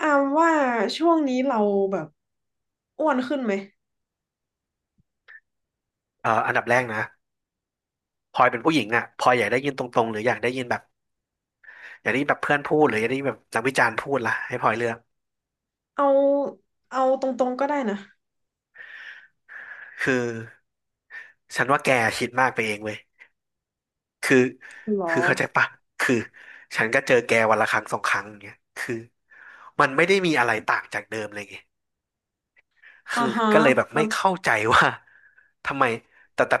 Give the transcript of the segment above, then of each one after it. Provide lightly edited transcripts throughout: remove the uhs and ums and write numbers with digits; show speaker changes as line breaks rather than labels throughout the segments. อามว่าช่วงนี้เราแบบอ้วนขึ้นไหม
อันดับแรกนะพลอยเป็นผู้หญิงอ่ะพลอยอยากได้ยินตรงๆหรืออยากได้ยินแบบอยากได้ยินแบบเพื่อนพูดหรืออยากได้ยินแบบนักวิจารณ์พูดล่ะให้พลอยเลือก
เอาเอาตรงๆก็ได้นะ
คือฉันว่าแกคิดมากไปเองเว้ยคือ
หรอ
คือเข้าใจปะคือฉันก็เจอแกวันละครั้งสองครั้งอย่างเงี้ยคือมันไม่ได้มีอะไรต่างจากเดิมเลยไง
อ่า
คือ
ฮะ
ก็เลยแบบ
แล้
ไม่
ว
เข้าใจว่า ทำไมแต่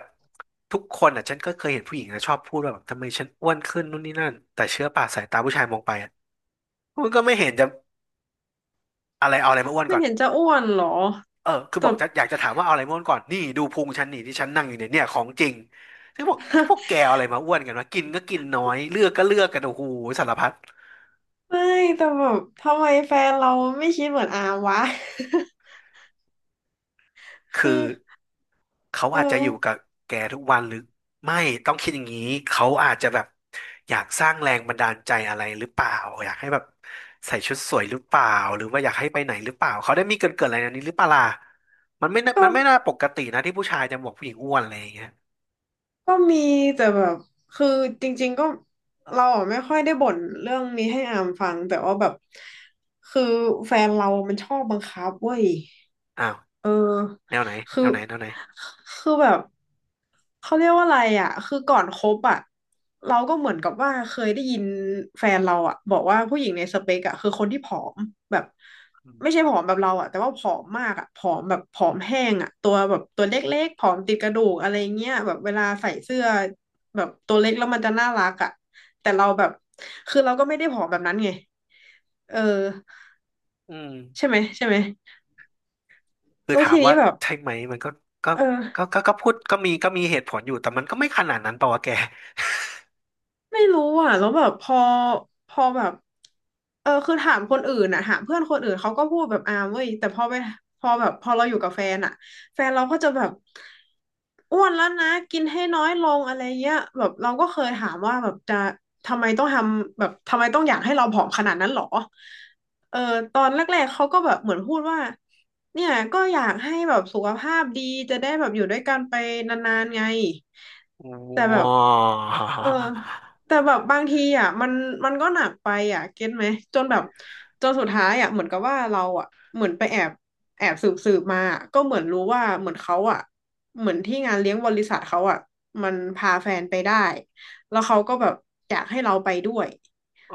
ทุกคนอ่ะฉันก็เคยเห็นผู้หญิงนะชอบพูดว่าแบบทำไมฉันอ้วนขึ้นนู่นนี่นั่นแต่เชื่อป่ะสายตาผู้ชายมองไปอ่ะมันก็ไม่เห็นจะ อะไรเอาอะไรมาอ้วน
ไม่
ก่อน
เห็นจะอ้วนหรอ
เออคือบ
แต่
อกจะอยากจะถามว่าเอาอะไรมาอ้วนก่อน นี่ดูพุงฉันนี่ที่ฉันนั่งอยู่เนี่ยเนี่ยของจริงซึ่งบอกพวกแกเอาอะไรมาอ้วนกันวะกินก็กินน้อยเลือกก็เลือกกันโอ้โหสารพัด
ไม่แต่แบบทำไมแฟนเราไม่คิดเหมือนอามวะ คื
คือ
อ
เขา
เออ
อาจจะอยู่กับแกทุกวันหรือไม่ต้องคิดอย่างนี้เขาอาจจะแบบอยากสร้างแรงบันดาลใจอะไรหรือเปล่าอยากให้แบบใส่ชุดสวยหรือเปล่าหรือว่าอยากให้ไปไหนหรือเปล่าเขาได้มีเกินอะไรในนี้หรือเปล่าล่ะมันไม่น่า
ก็
มันไม่น่าปกตินะที่ผู้ชายจะบอกผู้หญิงอ้วนอะไรอย่างเงี้ย
ก็มีแต่แบบคือจริงๆก็เราอะไม่ค่อยได้บ่นเรื่องนี้ให้อามฟังแต่ว่าแบบคือแฟนเรามันชอบบังคับเว้ย
อ้าว
เออ
แนวไหนแน
คือ
วไหนแนวไหน
คือแบบเขาเรียกว่าอะไรอ่ะคือก่อนคบอ่ะเราก็เหมือนกับว่าเคยได้ยินแฟนเราอ่ะบอกว่าผู้หญิงในสเปกอ่ะคือคนที่ผอมแบบไม่ใช่ผอมแบบเราอ่ะแต่ว่าผอมมากอ่ะผอมแบบผอมแห้งอ่ะตัวแบบตัวเล็กๆผอมติดกระดูกอะไรเงี้ยแบบเวลาใส่เสื้อแบบตัวเล็กแล้วมันจะน่ารักอ่ะแต่เราแบบคือเราก็ไม่ได้ผอมแบบนั้นไงเออ
อืม
ใช่ไหมใช่ไหม
คือ
แล้ว
ถาม
ที
ว่า
นี้แบบ
ใช่ไหมมันก็ก็
เออ
ก็พูดก็มีเหตุผลอยู่แต่มันก็ไม่ขนาดนั้นเปล่าวะแกว้าว
ไม่รู้อ่ะแล้วแบบพอพอแบบเออคือถามคนอื่นอ่ะถามเพื่อนคนอื่นเขาก็พูดแบบอ่าเว้ยแต่พอไปพอแบบพอเราอยู่กับแฟนอ่ะแฟนเราก็จะแบบอ้วนแล้วนะกินให้น้อยลงอะไรเงี้ยแบบเราก็เคยถามว่าแบบจะทำไมต้องทำแบบทำไมต้องอยากให้เราผอมขนาดนั้นหรอเออตอนแรกๆเขาก็แบบเหมือนพูดว่าเนี่ยก็อยากให้แบบสุขภาพดีจะได้แบบอยู่ด้วยกันไปนานๆไงแต่แบบเออ แต่แบบบางทีอ่ะมันมันก็หนักไปอ่ะเก็ตไหมจนแบบจนสุดท้ายอ่ะเหมือนกับว่าเราอ่ะเหมือนไปแอบสืบสืบมาอะก็เหมือนรู้ว่าเหมือนเขาอ่ะเหมือนที่งานเลี้ยงบริษัทเขาอ่ะมันพาแฟนไปได้แล้วเขาก็แบบอยากให้เราไปด้วย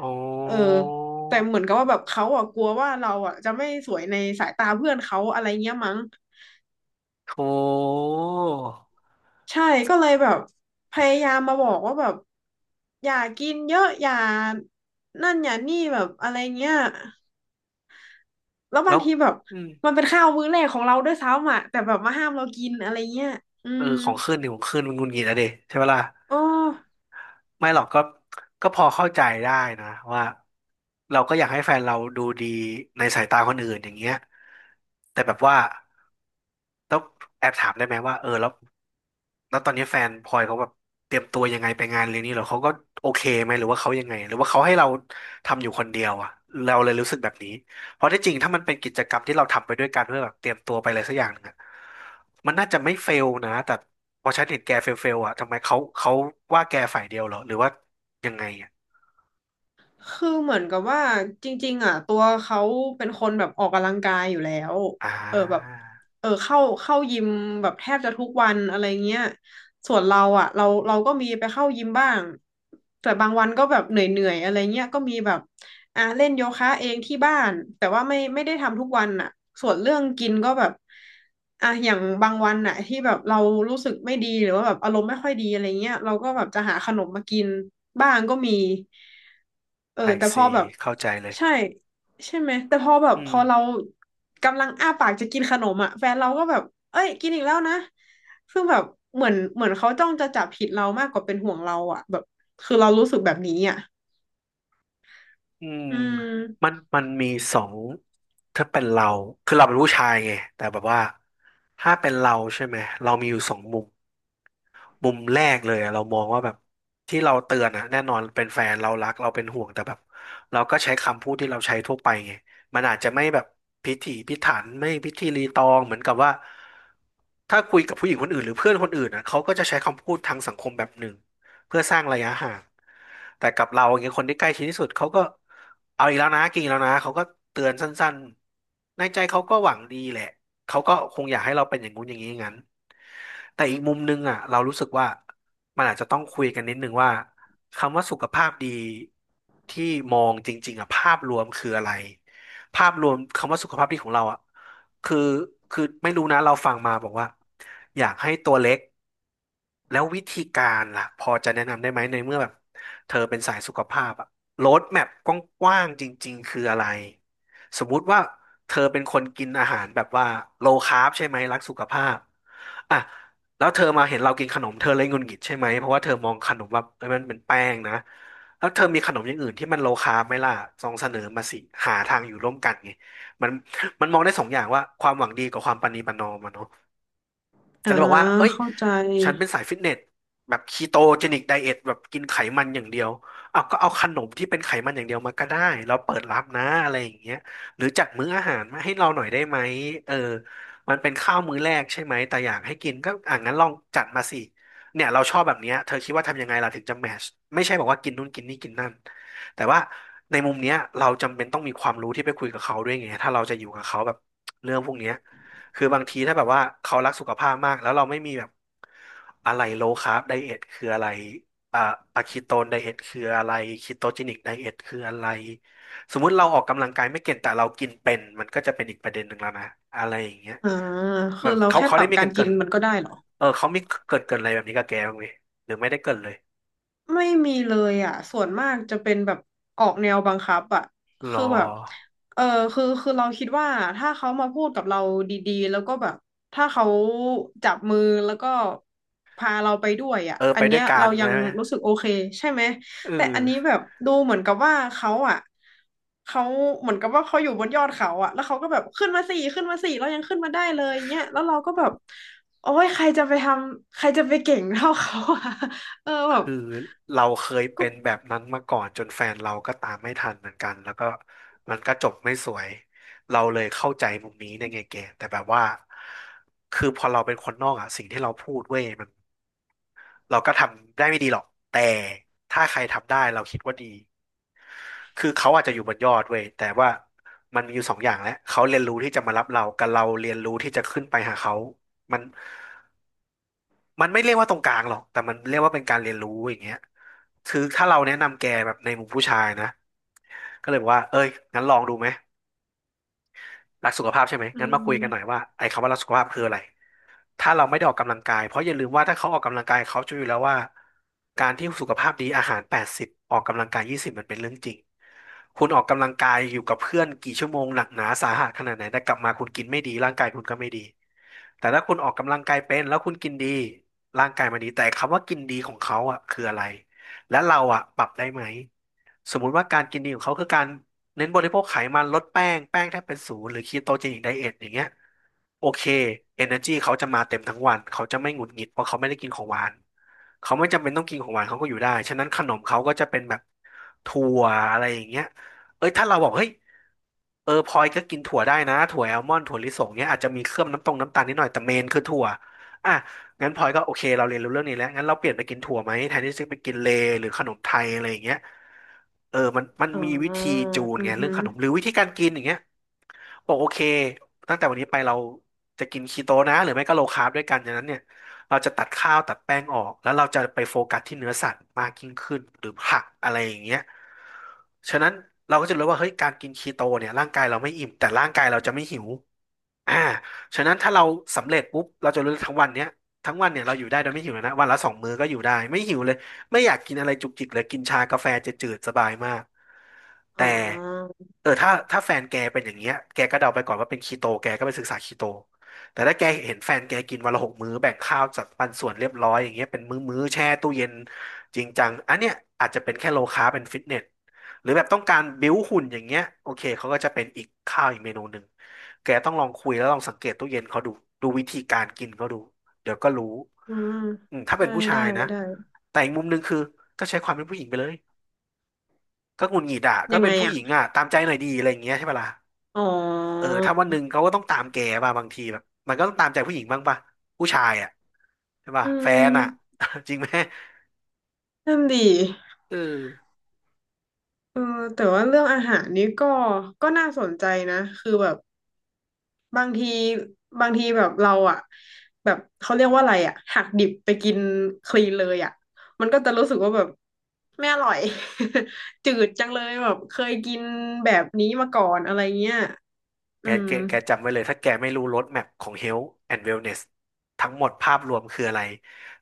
โอ
เออ
้
แต่เหมือนกับว่าแบบเขาอ่ะกลัวว่าเราอ่ะจะไม่สวยในสายตาเพื่อนเขาอะไรเงี้ยมั้ง
โถ
ใช่ก็เลยแบบพยายามมาบอกว่าแบบอย่ากินเยอะอย่านั่นอย่านี่แบบอะไรเงี้ยแล้วบา
แล้
ง
ว
ทีแบบ
อืม
มันเป็นข้าวมื้อแรกของเราด้วยซ้ำอ่ะแต่แบบมาห้ามเรากินอะไรเงี้ยอื
เออ
ม
ของขึ้นนี่ของขึ้นมันหงุนงิดอะเดใช่ปะล่ะ
อ๋อ
ไม่หรอกก็ก็พอเข้าใจได้นะว่าเราก็อยากให้แฟนเราดูดีในสายตาคนอื่นอย่างเงี้ยแต่แบบว่าต้องแอบถามได้ไหมว่าเออแล้ว แล้วตอนนี้แฟนพลอยเขาแบบเตรียมตัวยังไงไปงานเลี้ยงนี้เหรอเขาก็โอเคไหมหรือว่าเขายังไงหรือว่าเขาให้เราทำอยู่คนเดียวอ่ะเราเลยรู้สึกแบบนี้เพราะที่จริงถ้ามันเป็นกิจกรรมที่เราทำไปด้วยกันเพื่อแบบเตรียมตัวไปอะไรสักอย่างหนึงอะมันน่าจะไม่เฟลนะแต่พอฉันเห็นแกเฟลอ่ะทำไมเขาว่าแกฝ่ายเดียวเหรอหรือว่ายังไงอ่ะ
คือเหมือนกับว่าจริงๆอ่ะตัวเขาเป็นคนแบบออกกำลังกายอยู่แล้ว
อ่
เออแบบ
า
เออเข้ายิมแบบแทบจะทุกวันอะไรเงี้ย ส่วนเราอ่ะเราก็มีไปเข้ายิมบ้างแต่บางวันก็แบบเหนื่อยๆอะไรเงี้ยก็มีแบบอ่ะเล่นโยคะเองที่บ้านแต่ว่าไม่ได้ทำทุกวันอ่ะส่วนเรื่องกินก็แบบอ่ะอย่างบางวันอ่ะที่แบบเรารู้สึกไม่ดีหรือว่าแบบอารมณ์ไม่ค่อยดีอะไรเงี้ยเราก็แบบจะหาขนมมากินบ้างก็มีเออ
ไอ
แต่พ
ซี
อแบบ
เข้าใจเลย
ใช่ ใช่ไหมแต่พอแบบ
อื
พ
ม
อเรากำลังอ้าปากจะกินขนมอ่ะแฟนเราก็แบบเอ้ยกินอีกแล้วนะซึ่งแบบเหมือนเขาจ้องจะจับผิดเรามากกว่าเป็นห่วงเราอ่ะแบบคือเรารู้สึกแบบนี้อ่ะ
อืม
อื
มัน
ม
มันมีสองถ้าเป็นเราคือเราเป็นผู้ชายไงแต่แบบว่าถ้าเป็นเราใช่ไหมเรามีอยู่สองมุม มุมแรกเลยอะเรามองว่าแบบที่เราเตือนอะแน่นอนเป็นแฟนเรารักเราเป็นห่วงแต่แบบเราก็ใช้คำพูดที่เราใช้ทั่วไปไงมันอาจจะไม่แบบพิถีพิถันไม่พิธีรีตองเหมือนกับว่าถ้าคุยกับผู้หญิงคนอื่นหรือเพื่อนคนอื่นอะเขาก็จะใช้คำพูดทางสังคมแบบหนึ่งเพื่อสร้างระยะห่างแต่กับเราอย่างเงี้ยคนที่ใกล้ชิดที่สุดเขาก็เอาอีกแล้วนะกินอีกแล้วนะเขาก็เตือนสั้นๆในใจเขาก็หวังดีแหละ เขาก็คงอยากให้เราเป็นอย่างงู้นอย่างนี้อย่างนั้นแต่อีกมุมนึงอ่ะเรารู้สึกว่ามันอาจจะต้องคุยกันนิดนึงว่าคำว่าสุขภาพดีที่มองจริงๆอ่ะภาพรวมคืออะไรภาพรวมคำว่าสุขภาพดีของเราอ่ะคือคือไม่รู้นะเราฟังมาบอกว่าอยากให้ตัวเล็กแล้ววิธีการล่ะพอจะแนะนำได้ไหมในเมื่อแบบเธอเป็นสายสุขภาพอะโรดแมพกว้างๆจริงๆคืออะไรสมมุติว่า เธอเป็นคนกินอาหารแบบว่าโลคาร์บใช่ไหมรักสุขภาพอ่ะแล้วเธอมาเห็นเรากินขนมเธอเลยหงุดหงิดใช่ไหมเพราะว่าเธอมองขนมว่าเอ้ยมันเป็นแป้งนะแล้วเธอมีขนมอย่างอื่นที่มันโลคาร์บไหมล่ะลองเสนอมาสิหาทางอยู่ร่วมกันไงมันมันมองได้สองอย่างว่าความหวังดีกับความประนีประนอมอะเนาะ ก็
อ่า
จะบอกว่า เอ้ย
เข้าใจ
ฉันเป็นสายฟิตเนสแบบคีโตเจนิกไดเอทแบบกินไขมันอย่างเดียว เอาวก็เอาขนมที่เป็นไขมันอย่างเดียวมาก็ได้ เราเปิดรับนะอะไรอย่างเงี้ยหรือจัดมื้ออาหารมาให้เราหน่อยได้ไหมเออมันเป็นข้าวมื้อแรกใช่ไหม แต่อยากให้กินก็อ่ะงั้นลองจัดมาสิ เนี่ยเราชอบแบบเนี้ยเธอคิดว่าทำยังไงล่ะถึงจะแมชไม่ใช่บอกว่ากินนู่นกินนี่กินนั่นแต่ว่าในมุมเนี้ยเราจำเป็นต้องมีความรู้ที่ไปคุยกับเขาด้วยไงถ้าเราจะอยู่กับเขาแบบเรื่องพวกเนี้ย คือบางทีถ้าแบบว่าเขารักสุขภาพมากแล้วเราไม่มีแบบอะไรโลคาร์บไดเอทคืออะไรอ่าอะคีโตนไดเอทคืออะไรคีโตจินิกไดเอทคืออะไรสมมุติเราออกกำลังกายไม่เก่งแต่เรากินเป็นมันก็จะเป็นอีกประเด็นหนึ่งแล้วนะอะไรอย่างเงี้ย
อ่า
แบ
คือ
บ
เรา
เขา
แค่
เขา
ปรั
ได้
บ
มี
กา
เกริ
ร
นเกิ
กิน
น
มันก็ได้เหรอ
เออเขามีเกรินเกินอะไรแบบนี้กับแกบ้างไหมหรือไม่ได้เกรินเลย
ไม่มีเลยอ่ะส่วนมากจะเป็นแบบออกแนวบังคับอ่ะ
รอ
คือแบบเออคือเราคิดว่าถ้าเขามาพูดกับเราดีๆแล้วก็แบบถ้าเขาจับมือแล้วก็พาเราไปด้วยอ่ะ
เออ
อั
ไป
น
ด้ว
เนี้
ย
ย
กั
เรา
น
ยั
นะ
งรู้สึกโอเคใช่ไหม
เอ
แต่อันนี้แบ
อ
บดูเหมือนกับว่าเขาอ่ะเขาเหมือนกับว่าเขาอยู่บนยอดเขาอ่ะแล้วเขาก็แบบขึ้นมาสี่ขึ้นมาสี่เรายังขึ้นมาได้เลยเงี้ยแล้วเราก็แบบโอ้ยใครจะไปทำใครจะไปเก่งเท่าเขาอะ เออแบบ
คือเราเคย
ก็
เป็นแบบนั้นมาก่อนจนแฟนเราก็ตามไม่ทันเหมือนกันแล้วก็มันก็จบไม่สวยเราเลยเข้าใจมุมนี้ในไงแกแต่แบบว่าคือพอเราเป็นคนนอกอ่ะสิ่งที่เราพูดเว้ยมันเราก็ทำได้ไม่ดีหรอกแต่ถ้าใครทำได้เราคิดว่าดีคือเขาอาจจะอยู่บนยอดเว้ยแต่ว่ามันมีอยู่สองอย่างแหละเขาเรียนรู้ที่จะมารับเรากับเราเรียนรู้ที่จะขึ้นไปหาเขามัน มันไม่เรียกว่าตรงกลางหรอกแต่มันเรียกว่าเป็นการเรียนรู้อย่างเงี้ยคือถ้าเราแนะนำแกแบบในมุมผู้ชายนะก็เลยบอกว่าเอ้ยงั้นลองดูไหมรักสุขภาพใช่ไหม
อื
งั้นมาคุยกันหน่อย
ม
ว่าไอ้คำว่ารักสุขภาพคืออะไรถ้าเราไม่ได้ออกกำลังกายเพราะอย่าลืมว่าถ้าเขาออกกำลังกายเขาจะรู้อยู่แล้วว่าการที่สุขภาพดีอาหาร80ออกกำลังกาย20มันเป็นเรื่องจริง คุณออกกำลังกายอยู่กับเพื่อนกี่ชั่วโมงหนักหนาสาหัสขนาดไหนแต่กลับมาคุณกินไม่ดีร่างกายคุณก็ไม่ดี แต่ถ้าคุณออกกำลังกายเป็นแล้วคุณกินดีร่างกายมันดี แต่คำว่ากินดีของเขาอ่ะคืออะไร และเราอ่ะปรับได้ไหม สมมุติว่าการกินดีของเขาคือการเน้นบริโภคไขมันลดแป้งแป้งแทบเป็นศูนย์หรือคีโตเจนิกไดเอทอย่างเงี้ยโอเค Energy เขาจะมาเต็มทั้งวันเขาจะไม่หงุดหงิดเพราะเขาไม่ได้กินของหวานเขาไม่จำเป็นต้องกินของหวานเขาก็อยู่ได้ฉะนั้นขนมเขาก็จะเป็นแบบถั่วอะไรอย่างเงี้ย เอ้ยถ้าเราบอกเฮ้ยเออพลอยก็กินถั่วได้นะถั่วแอลมอนด์ถั่วลิสงเนี้ยอาจจะมีเคลือบน้ำตรงน้ำตาลนิดหน่อยแต่เมนคือถั่วอ่ะงั้นพลอยก็โอเคเราเรียนรู้เรื่องนี้แล้วงั้นเราเปลี่ยนไปกินถั่วไหมแทนที่จะไปกินเลหรือขนมไทยอะไรอย่างเงี้ยเออมัน
อ๋อ
มีวิธีจูน
อื
ไง
อ
เรื่
ฮึ
องขนมหรือวิธีการกินอย่างเงี้ย บอกโอเคตั้งแต่วันนี้ไปเราจะกินคีโตนะหรือไม่ก็โลคาร์บด้วยกันอย่างนั้นเนี่ยเราจะตัดข้าวตัดแป้งออกแล้วเราจะไปโฟกัสที่เนื้อสัตว์มากยิ่งขึ้นหรือผักอะไรอย่างเงี้ยฉะนั้นเราก็จะรู้ว่าเฮ้ยการกินคีโตเนี่ยร่างกายเราไม่อิ่มแต่ร่างกายเราจะไม่หิวอ่าฉะนั้นถ้าเราสำเร็จปุ๊บเราจะรู้ทั้งวันเนี้ยทั้งวันเนี่ยเราอยู่ได้โดยไม่หิวเลยนะวันละ2 มื้อก็อยู่ได้ไม่หิวเลย ไม่อยากกินอะไรจุกจิกเลยกินชากาแฟจะจืดสบายมาก
อ๋
แต่
อ
เออถ้าแฟนแกเป็นอย่างเงี้ยแกก็เดาไปก่อนว่าเป็นคีโตแกก็ไปศึกษาคีโตแต่ถ้าแกเห็นแฟนแกกินวันละ6 มื้อแบ่งข้าวจัดปันส่วนเรียบร้อยอย่างเงี้ยเป็นมื้อมื้อแช่ตู้เย็นจริงจังอันเนี้ยอาจจะเป็นแค่โลคาร์บเป็นฟิตเนสหรือแบบต้องการบิ้วหุ่นอย่างเงี้ยโอเคเขาก็จะเป็นอีกข้าวอีกเมนูหนึ่งแกต้องลองคุยแล้วลองสังเกตตู้เย็นเขาดูดูวิธีการกินเขาดู เดี๋ยวก็รู้
อืม
อืมถ้าเป็
ได้
นผู้ชา
ได้
ยนะ
ได้
แต่อีกมุมหนึ่งคือก็ใช้ความเป็นผู้หญิงไปเลยก็หงุดหงิดอ่ะก็
ยัง
เป็
ไง
นผู้ห
อ่ะ
ญิงอ่ะตามใจหน่อยดีอะไรอย่างเงี้ยใช่ปะล่ะ
อ๋อ
เออถ้าวันหนึ่งเขาก็ต้องตามแกป่ะบางทีแบบมันก็ต้องตามใจผู้หญิงบ้างป่ะผู้ชายอ่ะใช่ป่ะ
อื
แฟนอ่ะ
ม
จริงไหม
นั่นดี
เออ
เออแต่ว่าเรื่องอาหารนี้ก็ ก็น่าสนใจนะ คือแบบบางที บางทีแบบเราอ่ะ แบบเขาเรียกว่าอะไรอ่ะ หักดิบไปกินคลีนเลยอ่ะ มันก็จะรู้สึกว่าแบบไม่อร่อย จืดจังเลยแบบเคยกินแบบนี้มาก่อนอะไรเงี้ย
แก
อืม
แกแกจำไว้เลยถ้าแกไม่รู้ร o ดแม p ของ Health and Wellness ทั้งหมดภาพรวมคืออะไร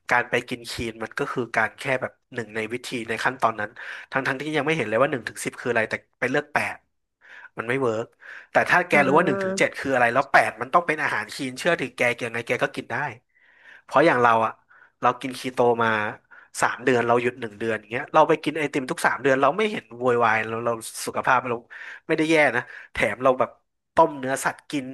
การไปกินคีนมันก็คือการแค่แบบหนึ่งในวิธีในขั้นตอนนั้นทั้งที่ยังไม่เห็นเลยว่าหนึ่งถึงสิบคืออะไรแต่ไปเลือกแปดมันไม่เวิร์กแต่ถ้าแก
อ่
รู้ว่าหนึ่งถึงเจ็
า
ดคืออะไรแล้วแปดมันต้องเป็นอาหารคีนเชื่อถือแกยังไงแกก็กินได้เพราะอย่างเราอะเรากินคีโตมาสามเดือนเราหยุดหนึ่งเดือนอย่างเงี้ยเราไปกินไอติมทุกสามเดือนเราไม่เห็นโวยวายเราสุขภาพเราไม่ได้แย่นะ แถมเราแบบต้มเนื้อสัตว์กิน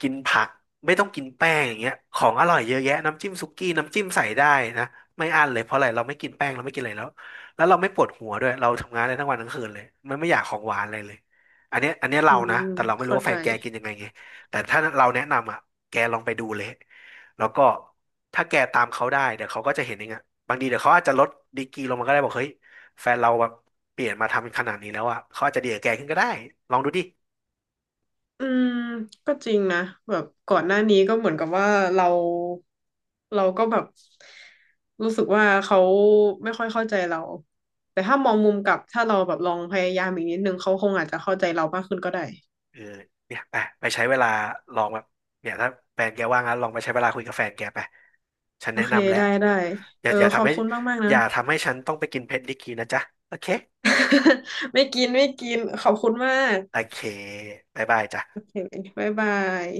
กินผักไม่ต้องกินแป้งอย่างเงี้ยของอร่อยเยอะแยะน้ำจิ้มสุกี้น้ำจิ้มใส่ได้นะไม่อั้นเลยเพราะอะไรเราไม่กินแป้งเราไม่กินอะไรแล้วแล้วเราไม่ปวดหัวด้วยเราทำงานได้ทั้งวันทั้งคืนเลยมันไม่อยากของหวานอะไรเลยอันเนี้ย
อื
เรานะ
ม
แต่เราไม่รู้
เข้า
ว่าแฟ
ใจ
นแกกินยังไงไงแต่ถ้าเราแนะนำอ่ะแกลองไปดูเลยแล้วก็ถ้าแกตามเขาได้เดี๋ยวเขาก็จะเห็นเองอ่ะบางทีเดี๋ยวเขาอาจจะลดดีกรีลงมาก็ได้บอกเฮ้ยแฟนเราแบบ เปลี่ยนมาทำขนาดนี้แล้วอ่ะเขาอาจจะดีกับแกขึ้นก็ได้ ลองดูดิ
อืมก็จริงนะแบบก่อนหน้านี้ก็เหมือนกับว่าเราเราก็แบบรู้สึกว่าเขาไม่ค่อยเข้าใจเราแต่ถ้ามองมุมกลับถ้าเราแบบลองพยายามอีกนิดนึงเขาคงอาจจะเข้าใจเรามากขึ้นก็ได้
เออเนี่ยไปไปใช้เวลาลองแบบเนี่ยถ้าแฟนแกว่างนะลองไปใช้เวลาคุยกับแฟนแกไป ฉัน
โอ
แนะ
เค
นำแล้ว
ได้ได้
อ
เอ
ย่า
อ
อย่า
ขอ
ทำ
บ
ให้
คุณมากมาก
อ
นะ
ย่าทำให้ฉันต้องไปกินเพชรดิกีนะจ๊ะ โอเค
ไม่กินไม่กินขอบคุณมาก
โอเคบ๊ายบาย
โอ
จ้ะ
เคบ๊ายบาย